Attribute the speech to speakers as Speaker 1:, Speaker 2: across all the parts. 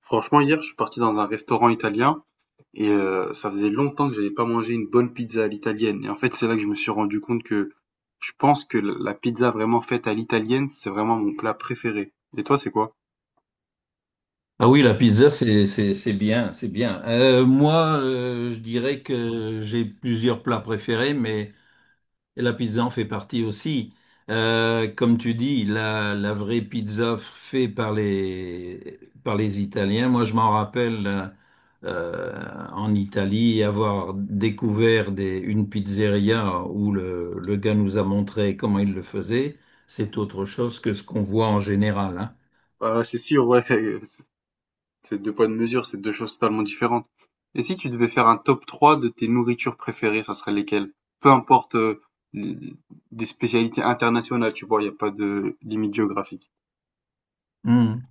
Speaker 1: Franchement, hier, je suis parti dans un restaurant italien et ça faisait longtemps que j'avais pas mangé une bonne pizza à l'italienne. Et en fait, c'est là que je me suis rendu compte que je pense que la pizza vraiment faite à l'italienne, c'est vraiment mon plat préféré. Et toi, c'est quoi?
Speaker 2: Ah oui, la pizza, c'est bien, c'est bien. Moi, je dirais que j'ai plusieurs plats préférés, mais la pizza en fait partie aussi. Comme tu dis, la vraie pizza faite par par les Italiens. Moi, je m'en rappelle en Italie avoir découvert une pizzeria où le gars nous a montré comment il le faisait. C'est autre chose que ce qu'on voit en général,
Speaker 1: Ah, c'est sûr, ouais, c'est deux poids de mesure, c'est deux choses totalement différentes. Et si tu devais faire un top 3 de tes nourritures préférées, ça serait lesquelles? Peu importe les- des spécialités internationales, tu vois, il n'y a pas de limite géographique.
Speaker 2: hein.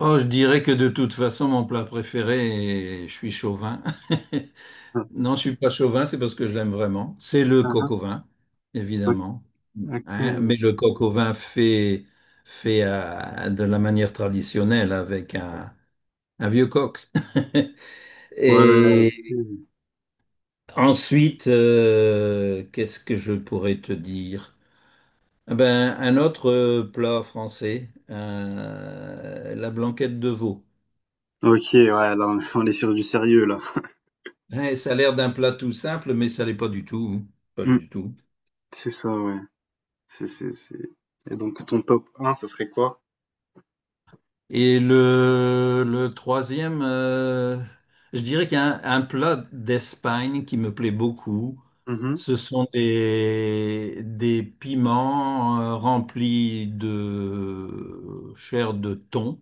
Speaker 2: Oh, je dirais que de toute façon, mon plat préféré, et je suis chauvin. Non, je suis pas chauvin, c'est parce que je l'aime vraiment. C'est le coq au vin, évidemment.
Speaker 1: Ok.
Speaker 2: Hein,
Speaker 1: Ouais,
Speaker 2: mais le coq au vin fait, fait de la manière traditionnelle avec un vieux coq. Et
Speaker 1: ok.
Speaker 2: ensuite, qu'est-ce que je pourrais te dire? Ah ben, un autre plat français, la blanquette de veau.
Speaker 1: OK, ouais, là, on on est sur du sérieux, là.
Speaker 2: Ouais, ça a l'air d'un plat tout simple, mais ça l'est pas du tout. Hein. Pas
Speaker 1: Mmh.
Speaker 2: du tout.
Speaker 1: C'est ça, ouais. C'est et donc ton top un, ce serait quoi?
Speaker 2: Et le troisième, je dirais qu'il y a un plat d'Espagne qui me plaît beaucoup.
Speaker 1: Mmh.
Speaker 2: Ce sont des piments remplis de chair de thon.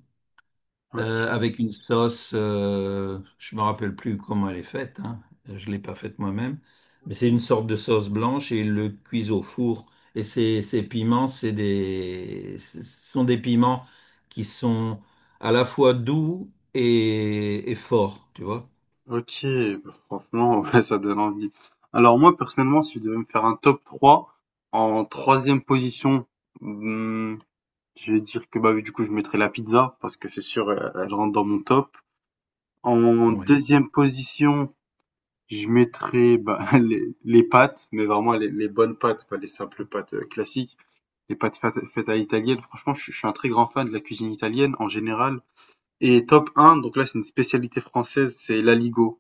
Speaker 1: OK.
Speaker 2: Avec une sauce, je me rappelle plus comment elle est faite, hein. Je l'ai pas faite moi-même, mais c'est une sorte de sauce blanche et ils le cuisent au four. Et ces piments, ce sont des piments qui sont à la fois doux et forts, tu vois.
Speaker 1: OK, bah, franchement, ouais, ça donne envie. Alors moi, personnellement, si je devais me faire un top trois, en troisième position, mmh, je vais dire que, bah, oui, du coup, je mettrais la pizza parce que c'est sûr, elle rentre dans mon top. En
Speaker 2: Ouais.
Speaker 1: deuxième position, je mettrais, bah, les pâtes, mais vraiment les bonnes pâtes, pas les simples pâtes, classiques. Les pâtes feta italiennes. Franchement, je suis un très grand fan de la cuisine italienne en général. Et top un, donc là, c'est une spécialité française, c'est l'aligot.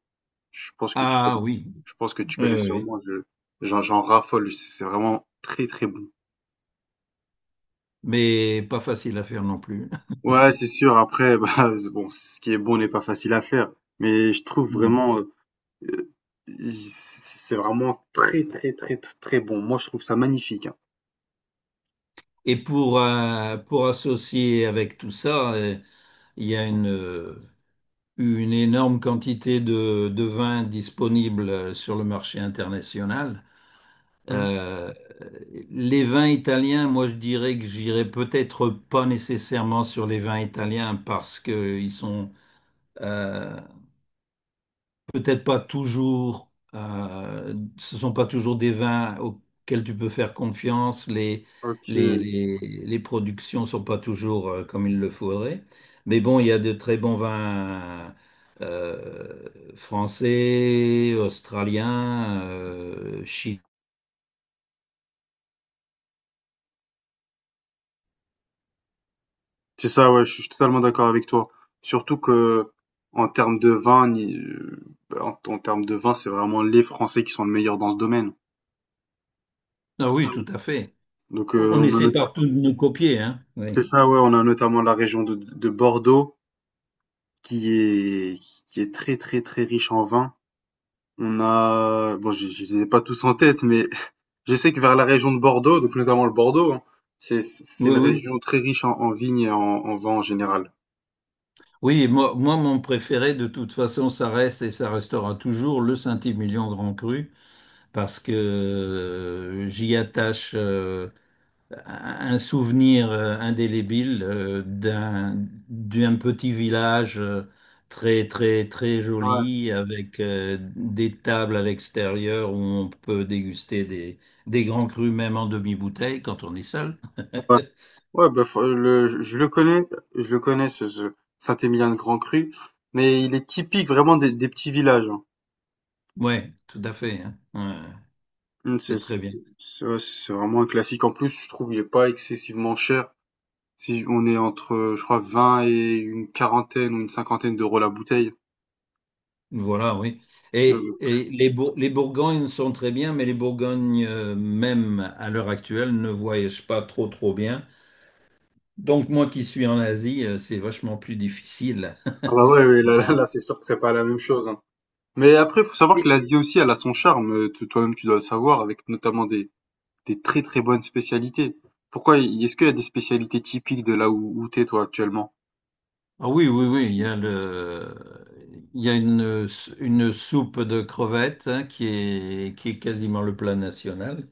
Speaker 1: Je pense que tu
Speaker 2: Ah
Speaker 1: connais,
Speaker 2: oui.
Speaker 1: je pense que tu
Speaker 2: Oui,
Speaker 1: connais
Speaker 2: oui, oui.
Speaker 1: sûrement. J'en raffole. C'est vraiment très, très bon.
Speaker 2: Mais pas facile à faire non plus.
Speaker 1: Ouais, c'est sûr. Après, bah, c'est bon, ce qui est bon n'est pas facile à faire. Mais je trouve
Speaker 2: Mm.
Speaker 1: vraiment, euh, c'est vraiment très, très, très, très, très bon. Moi, je trouve ça magnifique, hein.
Speaker 2: Et pour associer avec tout ça, il y a une énorme quantité de vins disponibles sur le marché international.
Speaker 1: Hmm.
Speaker 2: Euh, les vins italiens, moi je dirais que j'irais peut-être pas nécessairement sur les vins italiens parce qu'ils sont euh, peut-être pas toujours, ce sont pas toujours des vins auxquels tu peux faire confiance. Les,
Speaker 1: Ok.
Speaker 2: les, les productions sont pas toujours comme il le faudrait. Mais bon, il y a de très bons vins euh, français, australiens,
Speaker 1: C'est ça, ouais, je suis totalement d'accord avec toi. Surtout que en termes de vin, ni- en, en termes de vin, c'est vraiment les Français qui sont le meilleur dans ce domaine.
Speaker 2: Ah oui, tout à fait.
Speaker 1: Donc
Speaker 2: On
Speaker 1: on a
Speaker 2: essaie partout de nous copier, hein. Oui,
Speaker 1: c'est ça, ouais, on a notamment la région de, Bordeaux, qui est qui est très très très riche en vin. On a bon, je les ai pas tous en tête, mais je sais que vers la région de Bordeaux, donc notamment le Bordeaux, hein, c'est
Speaker 2: oui,
Speaker 1: une
Speaker 2: oui.
Speaker 1: région très riche en vignes et en vin en général.
Speaker 2: Oui, moi, mon préféré, de toute façon, ça reste et ça restera toujours le Saint-Émilion Grand Cru. Parce que j'y attache un souvenir indélébile d'un d'un petit village très très très
Speaker 1: Ouais.
Speaker 2: joli avec des tables à l'extérieur où on peut déguster des grands crus même en demi-bouteille quand on est seul.
Speaker 1: Ouais, bah, je le connais, je le connais ce Saint-Émilion-de-Grand-Cru, mais il est typique vraiment des petits villages, hein.
Speaker 2: Ouais, tout à fait. Hein. Ouais, c'est très bien.
Speaker 1: Ouais, c'est vraiment un classique. En plus, je trouve il est pas excessivement cher. Si on est entre, je crois, 20 et une quarantaine ou une cinquantaine d'euros la bouteille.
Speaker 2: Voilà, oui.
Speaker 1: Euh,
Speaker 2: Et les, Bour- les Bourgognes sont très bien, mais les Bourgognes, même à l'heure actuelle, ne voyagent pas trop, trop bien. Donc, moi qui suis en Asie, c'est vachement plus difficile.
Speaker 1: Ah bah ouais, ouais, là, là, là, c'est sûr que c'est pas la même chose, hein. Mais après, faut savoir que
Speaker 2: Et-
Speaker 1: l'Asie aussi, elle a son charme. Toi-même, tu dois le savoir, avec notamment des, très très bonnes spécialités. Pourquoi, est-ce qu'il y a des spécialités typiques de là où t'es toi actuellement?
Speaker 2: Ah oui, oui, oui, il y a le, il y a une soupe de crevettes hein, qui est quasiment le plat national.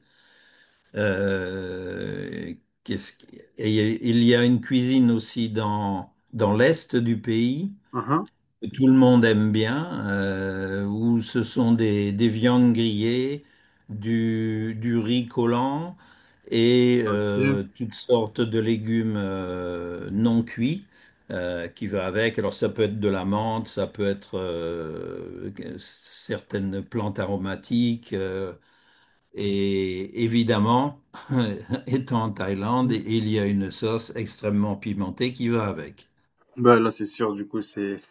Speaker 2: Euh, qu'est-ce qui- et il y a une cuisine aussi dans l'est du pays
Speaker 1: Hein, hein.
Speaker 2: que tout le monde aime bien, où ce sont des viandes grillées, du riz collant et
Speaker 1: OK.
Speaker 2: toutes sortes de légumes non cuits qui va avec. Alors ça peut être de la menthe, ça peut être certaines plantes aromatiques. Et évidemment, étant en Thaïlande,
Speaker 1: Mmh.
Speaker 2: il y a une sauce extrêmement pimentée qui va avec.
Speaker 1: Bah, là, c'est sûr, du coup,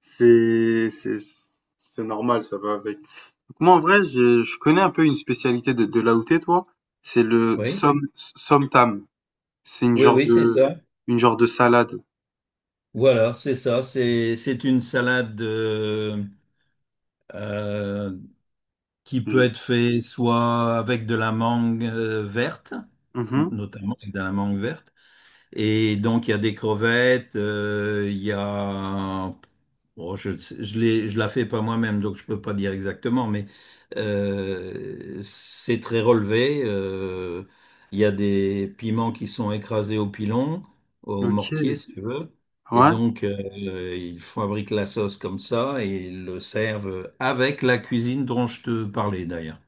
Speaker 1: c'est, c'est, c'est normal, ça va avec. Moi, en vrai, je connais un peu une spécialité de là où t'es, toi. C'est le
Speaker 2: Oui,
Speaker 1: somtam. C'est une
Speaker 2: oui,
Speaker 1: genre
Speaker 2: oui, c'est
Speaker 1: de,
Speaker 2: ça.
Speaker 1: une genre de salade.
Speaker 2: Voilà, c'est ça. C'est une salade euh, qui peut
Speaker 1: Je-
Speaker 2: être faite soit avec de la mangue verte,
Speaker 1: Mhm.
Speaker 2: notamment avec de la mangue verte, et donc, il y a des crevettes, il y a... Bon, je la fais pas moi-même, donc je peux pas dire exactement, mais c'est très relevé. Il y a des piments qui sont écrasés au pilon, au
Speaker 1: OK.
Speaker 2: mortier, si tu veux. Et
Speaker 1: Ouais.
Speaker 2: donc, ils fabriquent la sauce comme ça et ils le servent avec la cuisine dont je te parlais d'ailleurs.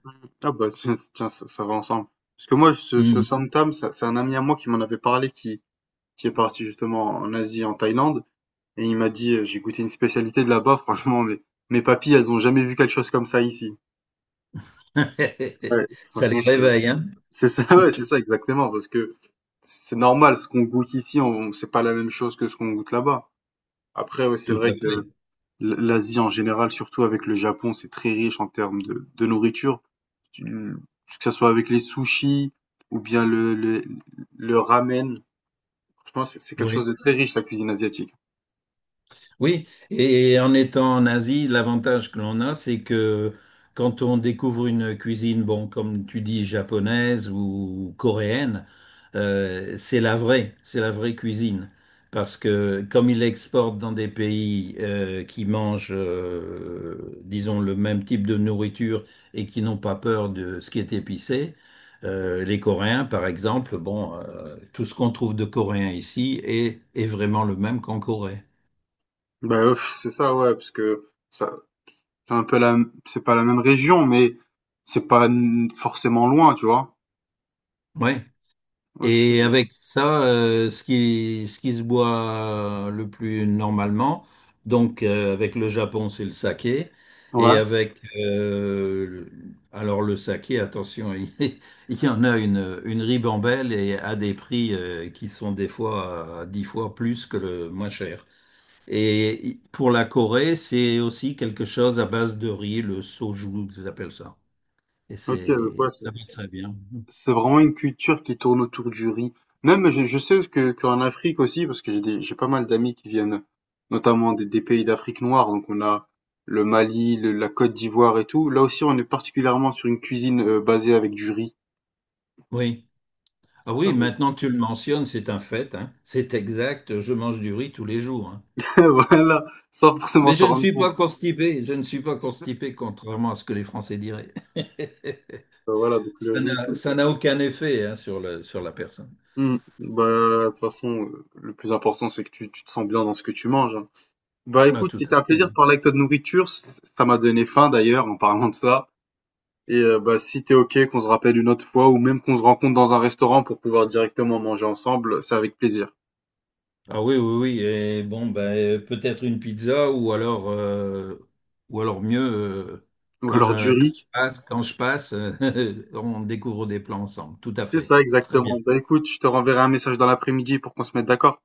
Speaker 1: Ah, bah, tiens, tiens, ça va ensemble. Parce que moi, ce
Speaker 2: Mhm.
Speaker 1: som tam, c'est un ami à moi qui m'en avait parlé, qui est parti justement en Asie, en Thaïlande. Et il m'a dit, j'ai goûté une spécialité de là-bas, franchement, mais mes papilles, elles ont jamais vu quelque chose comme ça ici. Ouais,
Speaker 2: Ça
Speaker 1: franchement,
Speaker 2: les
Speaker 1: c'est
Speaker 2: réveille, hein?
Speaker 1: c'est ça, ouais, c'est ça exactement, parce que c'est normal, ce qu'on goûte ici, on, c'est pas la même chose que ce qu'on goûte là-bas. Après, ouais, c'est
Speaker 2: Tout
Speaker 1: vrai
Speaker 2: à
Speaker 1: que
Speaker 2: fait.
Speaker 1: l'Asie en général, surtout avec le Japon, c'est très riche en termes de nourriture. Tu- que ce soit avec les sushis ou bien le ramen. Franchement, c'est quelque chose de
Speaker 2: Oui.
Speaker 1: très riche, la cuisine asiatique.
Speaker 2: Oui, et en étant en Asie, l'avantage que l'on a, c'est que quand on découvre une cuisine, bon, comme tu dis, japonaise ou coréenne, c'est la vraie cuisine. Parce que comme ils l'exportent dans des pays qui mangent, disons, le même type de nourriture et qui n'ont pas peur de ce qui est épicé, les Coréens, par exemple, bon, tout ce qu'on trouve de coréen ici est vraiment le même qu'en Corée.
Speaker 1: Bah, pff, c'est ça, ouais, parce que ça, C'est un peu la c'est pas la même région, mais c'est pas n forcément loin, tu vois?
Speaker 2: Oui. Et
Speaker 1: OK.
Speaker 2: avec ça, ce qui se boit le plus normalement, donc avec le Japon, c'est le saké. Et
Speaker 1: Ouais.
Speaker 2: avec, alors le saké, attention, il y en a une ribambelle et à des prix qui sont des fois à dix fois plus que le moins cher. Et pour la Corée, c'est aussi quelque chose à base de riz, le soju, ils appellent ça. Et
Speaker 1: OK, donc ouais,
Speaker 2: c'est,
Speaker 1: c'est
Speaker 2: ça va
Speaker 1: c'est
Speaker 2: très bien.
Speaker 1: c'est vraiment une culture qui tourne autour du riz. Même je sais que qu'en Afrique aussi, parce que j'ai pas mal d'amis qui viennent notamment des pays d'Afrique noire, donc on a le Mali, le la Côte d'Ivoire et tout. Là aussi, on est particulièrement sur une cuisine, basée avec du riz.
Speaker 2: Oui. Ah oui, maintenant que tu le mentionnes, c'est un fait, hein. C'est exact, je mange du riz tous les jours, hein.
Speaker 1: Voilà, sans
Speaker 2: Mais
Speaker 1: forcément
Speaker 2: je
Speaker 1: s'en
Speaker 2: ne
Speaker 1: rendre
Speaker 2: suis
Speaker 1: compte.
Speaker 2: pas constipé, je ne suis pas constipé, contrairement à ce que les Français diraient.
Speaker 1: Voilà, donc le riz.
Speaker 2: Ça n'a aucun effet, hein, sur le, sur la personne.
Speaker 1: Mmh. Bah, de toute façon, le plus important, c'est que tu te sens bien dans ce que tu manges, hein. Bah,
Speaker 2: Ah,
Speaker 1: écoute,
Speaker 2: tout
Speaker 1: c'était
Speaker 2: à
Speaker 1: un
Speaker 2: fait.
Speaker 1: plaisir de parler avec toi de nourriture. C ça m'a donné faim d'ailleurs en parlant de ça et bah, si t'es OK qu'on se rappelle une autre fois ou même qu'on se rencontre dans un restaurant pour pouvoir directement manger ensemble, c'est avec plaisir.
Speaker 2: Ah oui, oui, oui. Et bon, ben, peut-être une pizza ou alors mieux,
Speaker 1: Ou alors du riz.
Speaker 2: quand je passe, on découvre des plans ensemble. Tout à
Speaker 1: C'est
Speaker 2: fait.
Speaker 1: ça
Speaker 2: Très bien.
Speaker 1: exactement. Bah, écoute, je te renverrai un message dans l'après-midi pour qu'on se mette d'accord.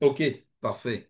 Speaker 2: OK, parfait.